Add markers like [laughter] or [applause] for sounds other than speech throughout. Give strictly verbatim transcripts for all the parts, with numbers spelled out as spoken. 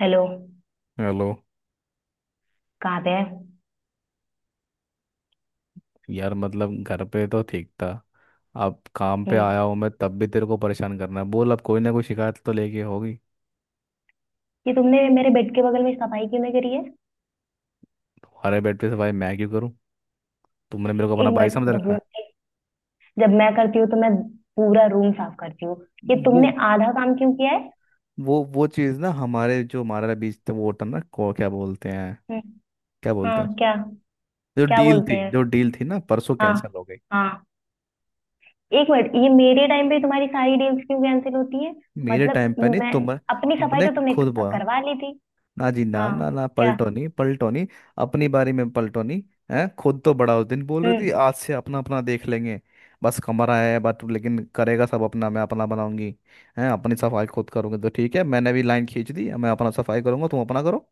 Hello. Hello. कहाँ पे है? हम्म। यार मतलब घर पे तो ठीक था। अब काम पे आया हूँ मैं, तब भी तेरे को परेशान करना है। बोल, अब कोई ना कोई शिकायत तो लेके होगी। ये तुमने मेरे बेड के बगल में सफाई क्यों नहीं करी है? तुम्हारे बेड पे से भाई मैं क्यों करूँ? तुमने मेरे को अपना एक भाई मिनट। समझ जब रखा है? जब मैं करती हूँ तो मैं पूरा रूम साफ करती हूँ। ये वो तुमने आधा काम क्यों किया है? वो वो चीज़ ना, हमारे जो हमारा बीच था वो होता ना, को क्या बोलते हैं, हम्म। क्या बोलते हैं हाँ, उसको। क्या? जो क्या डील बोलते थी हैं? जो डील थी ना, परसों हाँ। कैंसिल हो गई। हाँ। एक मिनट, ये मेरे टाइम पे तुम्हारी सारी डील्स क्यों कैंसिल होती है? मेरे टाइम मतलब, पे नहीं, मैं तुम अपनी सफाई तुमने तो तुमने खुद क- बोला। करवा ली थी। ना जी, ना हाँ। ना ना, क्या? पलटो नहीं, पलटो नहीं। अपनी बारी में पलटो नहीं है। खुद तो बड़ा उस दिन बोल रही थी हम्म। आज से अपना अपना देख लेंगे। बस कमरा है बट लेकिन करेगा सब अपना, मैं अपना बनाऊंगी, है अपनी सफाई खुद करूंगी। तो ठीक है, मैंने भी लाइन खींच दी, मैं अपना सफाई करूंगा तुम अपना करो।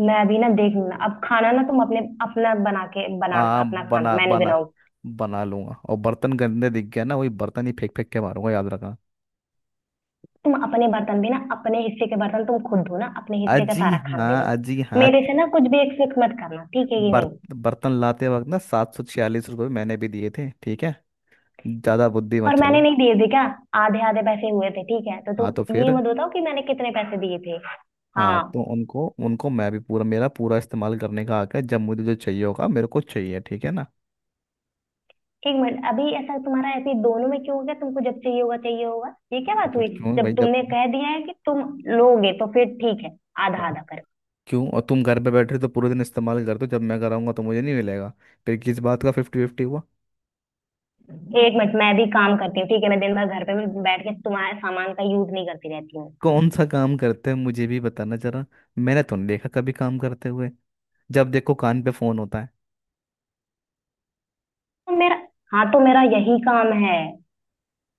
मैं अभी ना देख लूँ ना। अब खाना ना, तुम अपने अपना बना के बनाना, हाँ अपना खाना बना मैं नहीं बना, बनाऊंगी। बना लूंगा। और बर्तन गंदे दिख गया ना, वही बर्तन ही फेंक फेंक के मारूंगा, याद रखना। तुम अपने बर्तन भी ना, अपने हिस्से के बर्तन तुम खुद धो ना, अपने हिस्से का अजी सारा खाना हाँ, भी अजी बना। हाँ। मेरे से ना कुछ भी एक्सपेक्ट मत करना, ठीक है कि नहीं? बर्त, बर्तन लाते वक्त ना सात सौ छियालीस रुपये मैंने भी दिए थे, ठीक है। ज्यादा बुद्धि और मत मैंने चलो। नहीं दिए थे क्या? आधे आधे पैसे हुए थे ठीक है, तो हाँ तो तुम ये फिर मत बताओ कि मैंने कितने पैसे दिए थे। हाँ हाँ। तो उनको उनको मैं भी पूरा, मेरा पूरा इस्तेमाल करने का हक है। जब मुझे जो चाहिए होगा मेरे को चाहिए, ठीक है ना? एक मिनट, अभी ऐसा तुम्हारा ऐसे दोनों में क्यों हो गया? तुमको जब चाहिए होगा चाहिए होगा, ये क्या मैं बात तो हुई? क्यों भाई, जब जब। तुमने कह दिया है कि तुम लोगे तो फिर ठीक है, आधा हाँ। आधा कर। क्यों? और तुम घर पे बैठ रहे हो तो पूरे दिन इस्तेमाल करते हो, जब मैं कराऊंगा तो मुझे नहीं मिलेगा, फिर किस बात का फिफ्टी फिफ्टी हुआ? एक मिनट, मैं भी काम करती हूँ ठीक है। मैं दिन भर घर पे भी बैठ के तुम्हारे सामान का यूज नहीं करती रहती हूँ। कौन सा काम करते हैं मुझे भी बताना जरा। मैंने तो नहीं देखा कभी काम करते हुए। जब देखो कान पे फोन होता है। तो मेरा, हाँ, तो मेरा यही काम है।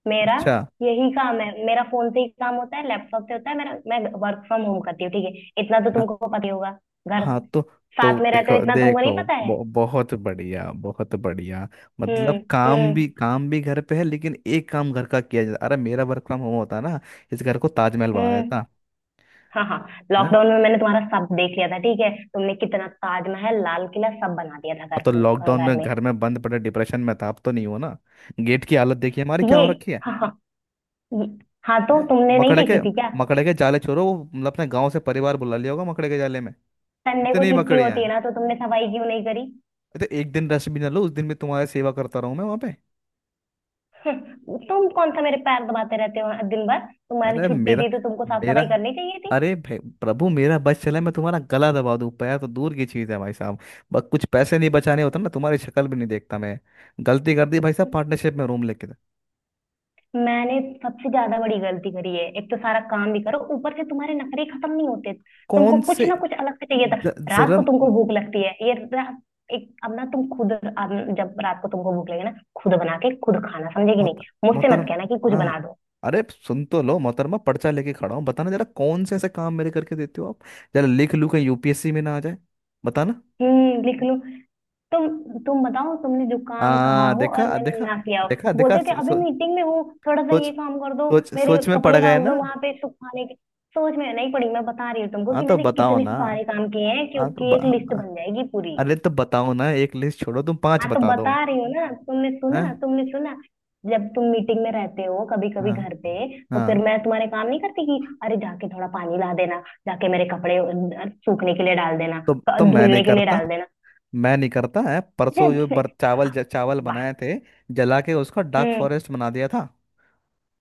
मेरा अच्छा। यही काम है, मेरा फोन से ही काम होता है, लैपटॉप से होता है मेरा। मैं वर्क फ्रॉम होम करती हूँ ठीक है, इतना तो तुमको पता ही होगा। घर हाँ तो तो साथ में रहते देखो हो, इतना तुमको देखो नहीं पता है? बहु- बहुत बढ़िया, बहुत बढ़िया। हम्म। मतलब काम हम्म। भी काम भी घर पे है, लेकिन एक काम घर का किया जाता? अरे मेरा वर्क फ्रॉम होम होता ना, इस घर को ताजमहल बना हम्म। देता। हाँ। हाँ। है? लॉकडाउन में मैंने तुम्हारा सब देख लिया था ठीक है, तुमने कितना ताजमहल लाल किला सब बना दिया था अब तो घर लॉकडाउन घर में में। घर में बंद पड़े डिप्रेशन में था, अब तो नहीं हो ना। गेट की हालत देखिए हमारी क्या ये, हो रखी है। हाँ। हाँ। ये, हाँ, तो हैं? तुमने नहीं मकड़े देखी के थी क्या? मकड़े के जाले छोड़ो। वो मतलब अपने गांव से परिवार बुला लिया होगा मकड़े के जाले में। संडे को इतनी छुट्टी मकड़ियां होती है हैं। ना, तो तुमने सफाई क्यों नहीं करी? तो एक दिन रेस्ट भी ना लो, उस दिन भी तुम्हारी सेवा करता रहूं मैं वहां। [laughs] हम्म, तुम कौन सा मेरे पैर दबाते रहते हो दिन भर? तुम्हारी अरे छुट्टी मेरा थी तो तुमको साफ मेरा सफाई करनी चाहिए थी। अरे भाई प्रभु, मेरा बस चले मैं तुम्हारा गला दबा दूं, पैर तो दूर की चीज है भाई साहब। बस कुछ पैसे नहीं बचाने होते ना, तुम्हारी शक्ल भी नहीं देखता मैं। गलती कर दी भाई साहब, पार्टनरशिप में रूम लेके था। मैंने सबसे ज्यादा बड़ी गलती करी है, एक तो सारा काम भी करो, ऊपर से तुम्हारे नखरे खत्म नहीं होते, तुमको कौन कुछ से? ना कुछ अलग से चाहिए था। ज- रात जरा को तुमको मोहतर भूख लगती है ये रात। एक अब ना तुम खुद अब, जब रात को तुमको भूख लगे ना, खुद बना के खुद खाना, समझे कि नहीं? मुझसे मत मोहतरम कहना कि कुछ हाँ हाँ। बना दो। अरे सुन तो लो मोहतरमा, पर्चा लेके खड़ा हूँ, बताना जरा कौन से ऐसे काम मेरे करके देते हो आप। जरा लिख लूं कहीं यूपीएससी में ना आ जाए। बताना। हम्म, लिख लो। तुम तुम बताओ, तुमने जो काम कहा आ हो और देखा मैंने देखा, ना किया हो। देखा देखा। बोलते थे सो, अभी सो, मीटिंग में हूँ, थोड़ा सा सोच ये काम कर दो, सोच मेरे सोच में पड़ कपड़े गए डाल दो ना। वहां पे सुखाने के। सोच में नहीं पड़ी, मैं बता रही हूँ तुमको हाँ कि तो मैंने बताओ कितने ना। सारे काम किए हैं कि हाँ तो उसकी ब- एक लिस्ट ब- बन जाएगी पूरी। अरे तो बताओ ना, एक लिस्ट छोड़ो, तुम पांच हाँ, तो बता दो। बता रही हूँ ना, तुमने हैं? सुना? तुमने सुना? जब तुम मीटिंग में रहते हो कभी कभी हाँ। घर पे, तो फिर हाँ मैं तुम्हारे काम नहीं करती कि अरे जाके थोड़ा पानी ला देना, जाके मेरे कपड़े अ, सूखने के लिए डाल देना, तो क- तो मैं नहीं धुलने के लिए करता डाल देना। मैं नहीं करता है। परसों जो बर, [laughs] चावल हाँ। ज, चावल वाह। बनाए थे, जला के उसका डार्क हम्म। फॉरेस्ट बना दिया था,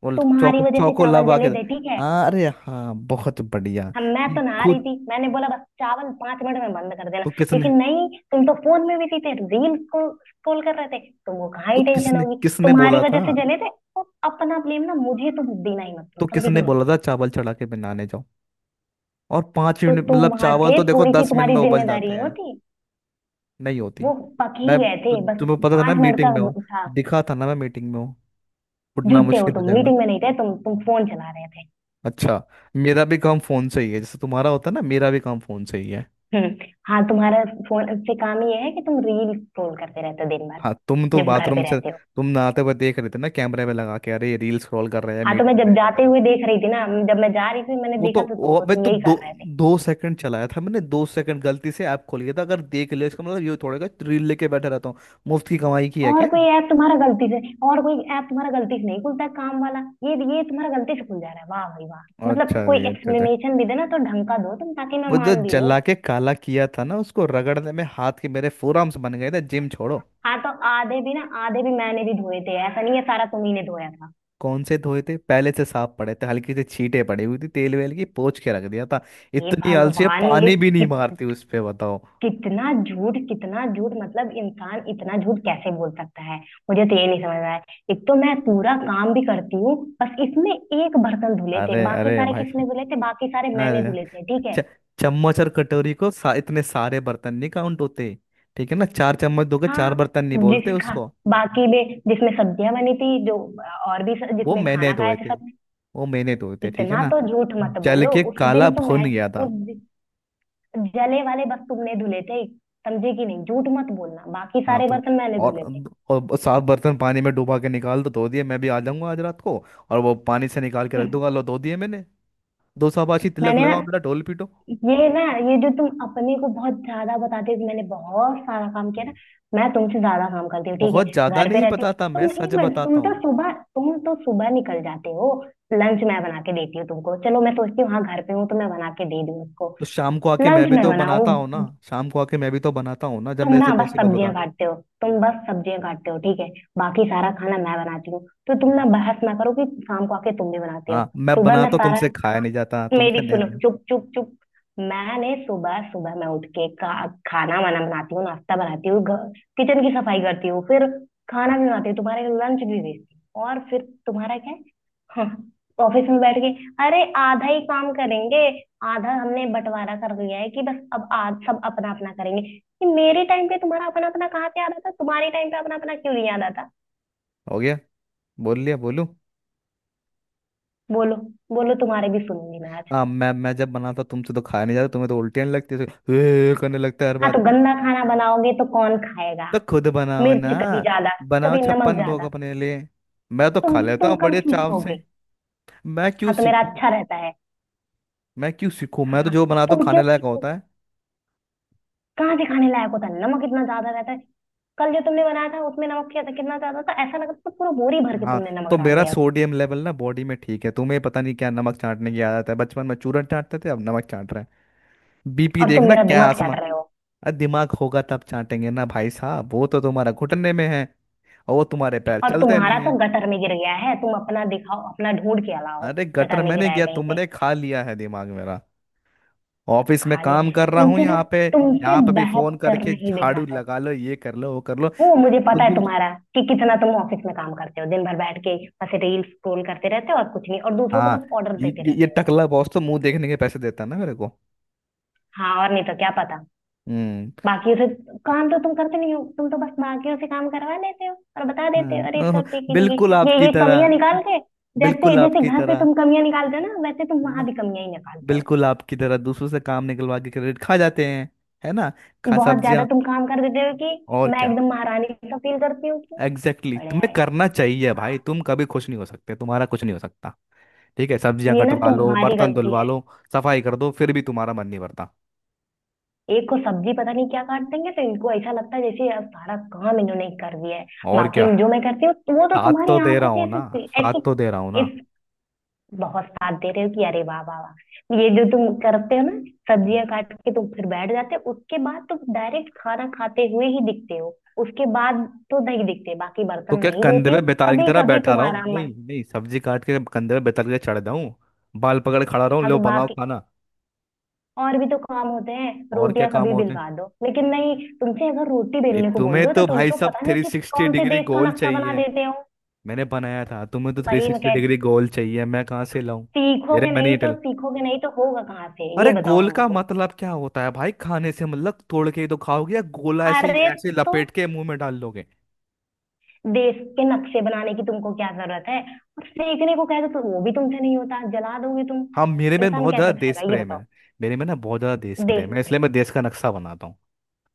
और तुम्हारी चौको वजह से चौको चावल लगा के। जले थे ठीक है। हाँ अरे हाँ, बहुत बढ़िया। हम मैं ये तो नहा रही खुद, थी, मैंने बोला बस चावल पांच मिनट में बंद कर देना। तो किसने, लेकिन नहीं, तुम तो फोन में बिजी थे, रील को स्क्रॉल कर रहे थे। तुमको कहाँ तो ही टेंशन किसने होगी। किसने तुम्हारी बोला था? वजह से जले थे। और अपना ब्लेम ना मुझे तुम देना ही मत करो, तो समझे कि किसने नहीं? बोला था चावल चढ़ा के बनाने जाओ? और पांच तो मिनट तुम मतलब वहां चावल थे, तो देखो थोड़ी सी दस मिनट तुम्हारी में उबल जाते जिम्मेदारी हैं। होती। नहीं होती। वो पक ही मैं गए तु, थे बस। तुम्हें पता था ना पांच मिनट का मीटिंग में हूँ। वो था। दिखा था ना मैं मीटिंग में हूँ, उठना झूठे हो मुश्किल हो तुम, जाएगा। मीटिंग में नहीं थे तुम तुम फोन चला रहे थे। अच्छा, मेरा भी काम फोन से ही है, जैसे तुम्हारा होता है ना, मेरा भी काम फोन से ही है। हम्म। हाँ, तुम्हारा फोन से काम ये है कि तुम रील स्क्रॉल करते रहते हो दिन भर हाँ तुम तो जब घर बाथरूम पे से रहते हो। तुम नहाते हुए देख रहे थे ना, कैमरे में लगा के, अरे रील स्क्रॉल कर रहे हैं हाँ, तो मैं मीटिंग जब में क्या कर जाते रहे हैं। हुए देख रही थी ना, जब मैं जा रही थी मैंने वो तो देखा तो वो, तुमको, मैं तुम तो यही दो कर रहे थे। दो सेकंड चलाया था मैंने, दो सेकंड गलती से ऐप खोल लिया था। अगर देख लिया इसका मतलब ये थोड़ा रील लेके बैठे रहता हूँ? मुफ्त की कमाई की है क्या? और कोई ऐप तुम्हारा गलती से, और कोई ऐप तुम्हारा गलती से नहीं खुलता है, काम वाला। ये ये तुम्हारा गलती से खुल जा रहा है, वाह भाई वाह। मतलब, अच्छा जी, कोई अच्छा अच्छा। एक्सप्लेनेशन भी देना तो ढंग का दो तुम, ताकि मैं वो जो मान भी लूं। जला के काला किया था ना, उसको रगड़ने में हाथ के मेरे फोरआर्म्स बन गए थे, जिम छोड़ो। हाँ, तो आधे भी ना, आधे भी मैंने भी धोए थे, ऐसा नहीं है सारा तुम्ही ने धोया था। कौन से धोए थे? पहले से साफ पड़े थे, हल्की से छींटे पड़ी हुई थी तेल वेल की, पोंछ के रख दिया था। हे इतनी आलसी है, भगवान। पानी भी नहीं ये मारती उस पे, बताओ। कितना झूठ, कितना झूठ। मतलब, इंसान इतना झूठ कैसे बोल सकता है? मुझे तो ये नहीं समझ रहा है। एक तो मैं पूरा काम भी करती हूँ, बस इसमें एक बर्तन धुले थे, अरे बाकी अरे सारे भाई, किसने धुले थे? बाकी सारे मैंने अरे धुले थे ठीक है। च- चम्मच और कटोरी को सा, इतने सारे बर्तन नहीं काउंट होते, ठीक है ना? चार चम्मच धोके चार हाँ, बर्तन नहीं बोलते जिसका उसको। बाकी में जिसमें सब्जियां बनी थी जो, और भी स- वो जिसमें मैंने खाना खाए धोए थे थे सब। वो मैंने धोए थे ठीक है इतना ना। तो झूठ मत जल बोलो, के उस काला दिन तो भुन मैं, गया था। उस दिन जले वाले बस तुमने धुले थे, समझे कि नहीं? झूठ मत बोलना, बाकी हाँ सारे तो बर्तन मैंने और धुले थे। और साफ बर्तन पानी में डुबा के निकाल दो, धो दिए। मैं भी आ जाऊंगा आज रात को, और वो पानी से निकाल के रख हम्म। दूंगा, लो धो दिए मैंने। दो शाबाशी, तिलक मैंने ना, लगाओ, मेरा ढोल पीटो। ये ना, ये जो तुम अपने को बहुत ज्यादा बताते हो कि मैंने बहुत सारा काम किया ना, मैं तुमसे ज्यादा काम करती हूँ ठीक है। बहुत ज्यादा घर पे नहीं रहती हूँ, बताता, मैं तुम एक सच मिनट, तुम बताता तो हूँ। सुबह तुम तो सुबह निकल जाते हो। लंच मैं बना के देती हूँ तुमको, चलो मैं सोचती हूँ हाँ घर पे हूँ तो मैं बना के दे दूँ उसको। तो शाम को आके मैं लंच भी मैं तो बनाऊँ। बनाता हूँ ना, शाम को आके मैं भी तो बनाता हूँ ना जब तुम मेरे से ना बस पॉसिबल सब्जियां होता। काटते हो, तुम बस सब्जियां काटते हो ठीक है। बाकी सारा खाना मैं बनाती हूँ। तो तुम हम्म। ना बहस ना करो कि शाम को आके तुम भी बनाते हो। हाँ मैं सुबह मैं बनाता हूँ, सारा, तुमसे खाया नहीं जाता, मेरी तुमसे, नहीं सुनो, नहीं। चुप चुप चुप। मैंने सुबह, सुबह मैं उठ के का खाना वाना बनाती हूँ, नाश्ता बनाती हूँ, घर- किचन की सफाई करती हूँ, फिर खाना भी बनाती हूँ, तुम्हारे लंच भी भेजती हूँ। और फिर तुम्हारा क्या है? हाँ, ऑफिस में बैठ के, अरे आधा ही काम करेंगे। आधा हमने बंटवारा कर दिया है कि बस अब आज सब अपना अपना करेंगे, कि मेरे टाइम पे तुम्हारा अपना अपना कहाँ से याद आता, तुम्हारे टाइम पे अपना अपना क्यों नहीं याद आता? हो गया? बोल लिया? बोलू? बोलो। बोलो, तुम्हारे भी सुनूंगी मैं आज। हाँ मैं मैं जब बनाता हूँ, तुमसे तो खाया नहीं जाता, तुम्हें तो उल्टियाँ लगती है करने, लगता है हर हाँ, तो बात। गंदा खाना बनाओगे तो कौन खाएगा? तो खुद बनाओ ना, मिर्च कभी ज्यादा, बनाओ कभी नमक छप्पन भोग ज्यादा। अपने लिए। मैं तो तुम खा लेता तुम हूँ कब बड़े चाव से। सीखोगे? मैं क्यों हाँ तो मेरा सीखूं अच्छा रहता है। मैं क्यों सीखूं हाँ। मैं तो हाँ। जो बनाता हूँ तुम खाने क्यों लायक होता सीखोगे? है। कहाँ से खाने लायक होता है, नमक इतना ज्यादा रहता है। कल जो तुमने बनाया था उसमें नमक किया था कितना ज्यादा था, ऐसा लगा था पूरा बोरी भर के हाँ तुमने नमक तो डाल मेरा दिया। सोडियम लेवल ना बॉडी में ठीक है। तुम्हें पता नहीं क्या, नमक चाटने की आदत है? बचपन में चूरन चाटते थे, अब नमक चाट रहे हैं? बीपी और तुम देखना मेरा क्या दिमाग आसमा। चाट रहे हो। अरे दिमाग होगा तब चाटेंगे ना भाई साहब, वो तो तुम्हारा घुटने में है, और वो तुम्हारे पैर और चलते तुम्हारा नहीं तो है। गटर में गिर गया है, तुम अपना दिखाओ, अपना ढूंढ के लाओ। अरे गटर गटर में मैंने गिरा है गया, कहीं पे। तुमने खा लिया है दिमाग मेरा। ऑफिस में खा काम लिया कर रहा हूँ तुमसे ना, यहाँ पे तुमसे यहाँ पे भी फोन बहस करके करना ही झाड़ू बेकार है। लगा लो, ये कर लो, वो कर लो। वो अरे मुझे पता खुद भी है कुछ- तुम्हारा, कि कितना तुम ऑफिस में काम करते हो दिन भर बैठ के, बस रील स्क्रॉल करते रहते हो और कुछ नहीं, और दूसरों को हाँ बस ऑर्डर ये देते ये ये रहते हो। टकला बॉस तो मुंह देखने के पैसे देता है ना मेरे को। हाँ और नहीं तो क्या पता। हम्म। बाकियों से काम तो तुम करते नहीं हो, तुम तो बस बाकियों से काम करवा लेते हो और बता देते हो हम्म, अरे ओह, सर देखिए, बिल्कुल देखिए ये आपकी ये कमियां तरह, निकाल के। जैसे बिल्कुल जैसे आपकी घर पे तरह, तुम कमियां निकालते हो ना, वैसे तुम है वहां ना, भी कमियां ही निकालते हो। बिल्कुल आपकी तरह दूसरों से काम निकलवा के क्रेडिट खा जाते हैं, है ना? खा बहुत ज्यादा सब्जियां। तुम काम कर देते हो कि और मैं क्या, एकदम महारानी सा फील करती हूँ कि एग्जैक्टली, exactly। बढ़िया तुम्हें है। करना चाहिए भाई, तुम कभी खुश नहीं हो सकते, तुम्हारा कुछ नहीं हो सकता। ठीक है, सब्जियां ये ना कटवा लो, तुम्हारी बर्तन गलती धुलवा है। लो, सफाई कर दो, फिर भी तुम्हारा मन नहीं भरता। एक को सब्जी पता नहीं क्या काट देंगे तो इनको ऐसा लगता है जैसे यार सारा काम इन्होंने ही कर दिया है। और बाकी क्या, जो मैं करती हूँ वो तो साथ तो तुम्हारी दे रहा आंखों से हूँ ना, ऐसे ऐसे। साथ तो दे रहा हूँ ना। इस, बहुत साथ दे रहे हो कि अरे वाह वाह वाह, ये जो तुम करते हो ना, हम्म। सब्जियां काट के तुम फिर बैठ जाते हो, उसके बाद तुम डायरेक्ट खाना खाते हुए ही दिखते हो। उसके बाद तो नहीं दिखते, बाकी तो बर्तन क्या नहीं कंधे धोती पे हो? बेताल की कभी तरह कभी बैठा रहा तुम्हारा हूँ? मन, नहीं नहीं, सब्जी काट के कंधे पे बेताल के चढ़ जाऊं? बाल पकड़ खड़ा रहूं? हाँ लो तो बनाओ बाकी खाना। और भी तो काम होते हैं, और क्या रोटियां काम कभी होते हैं बिलवा दो, लेकिन नहीं, तुमसे अगर रोटी भाई? बेलने को बोल तुम्हें दो तो तो तुम भाई तो साहब पता नहीं थ्री कि सिक्सटी कौन से डिग्री देश का गोल नक्शा बना चाहिए, देते हो। मैंने बनाया था, तुम्हें तो थ्री भाई मैं सिक्सटी कह, डिग्री गोल चाहिए, मैं कहाँ से लाऊं? मेरे सीखोगे मैंने नहीं ये तो टल सीखोगे नहीं तो होगा कहाँ से, ये अरे बताओ गोल का हमको। मतलब क्या होता है भाई? खाने से मतलब, तोड़ के ही तो खाओगे? या गोला ऐसे ही अरे ऐसे तो लपेट के मुंह में डाल लोगे? देश के नक्शे बनाने की तुमको क्या जरूरत है? और सीखने को कह दो तो वो भी तुमसे नहीं होता, जला दोगे तुम। हाँ मेरे में इंसान बहुत कैसे ज्यादा देश खाएगा ये प्रेम बताओ? है, मेरे में ना बहुत ज्यादा देश देश प्रेम है, इसलिए प्रेम। मैं देश का नक्शा बनाता हूँ।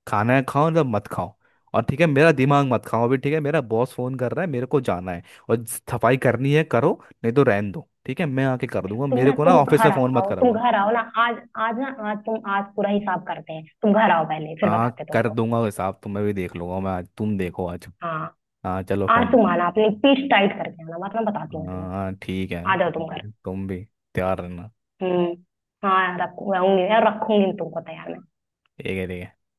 खाना है खाओ, ना मत खाओ। और ठीक है मेरा दिमाग मत खाओ अभी, ठीक है, मेरा बॉस फोन कर रहा है मेरे को जाना है। और सफाई करनी है करो, नहीं तो रहन दो, ठीक है मैं आके कर दूंगा, तुम मेरे ना, को ना तुम ऑफिस में घर फोन मत आओ तुम कराओ। घर आओ ना आज। आज ना, आज तुम, आज पूरा हिसाब करते हैं, तुम घर आओ पहले फिर हाँ बताते कर तुमको। दूंगा हिसाब, तुम्हें भी देख लूंगा मैं आज, तुम देखो आज। हाँ। हाँ चलो फोन आंसू रखो। माना आपने, पीठ टाइट करके आना वरना बताती हूँ तुमको। हाँ ठीक है, आ जाओ तुम तुम भी, घर। तुम भी तैयार रहना। हम्म। हाँ, यार रखूंगी, यार रखूंगी तुमको तैयार मैं। ठीक है, ठीक है।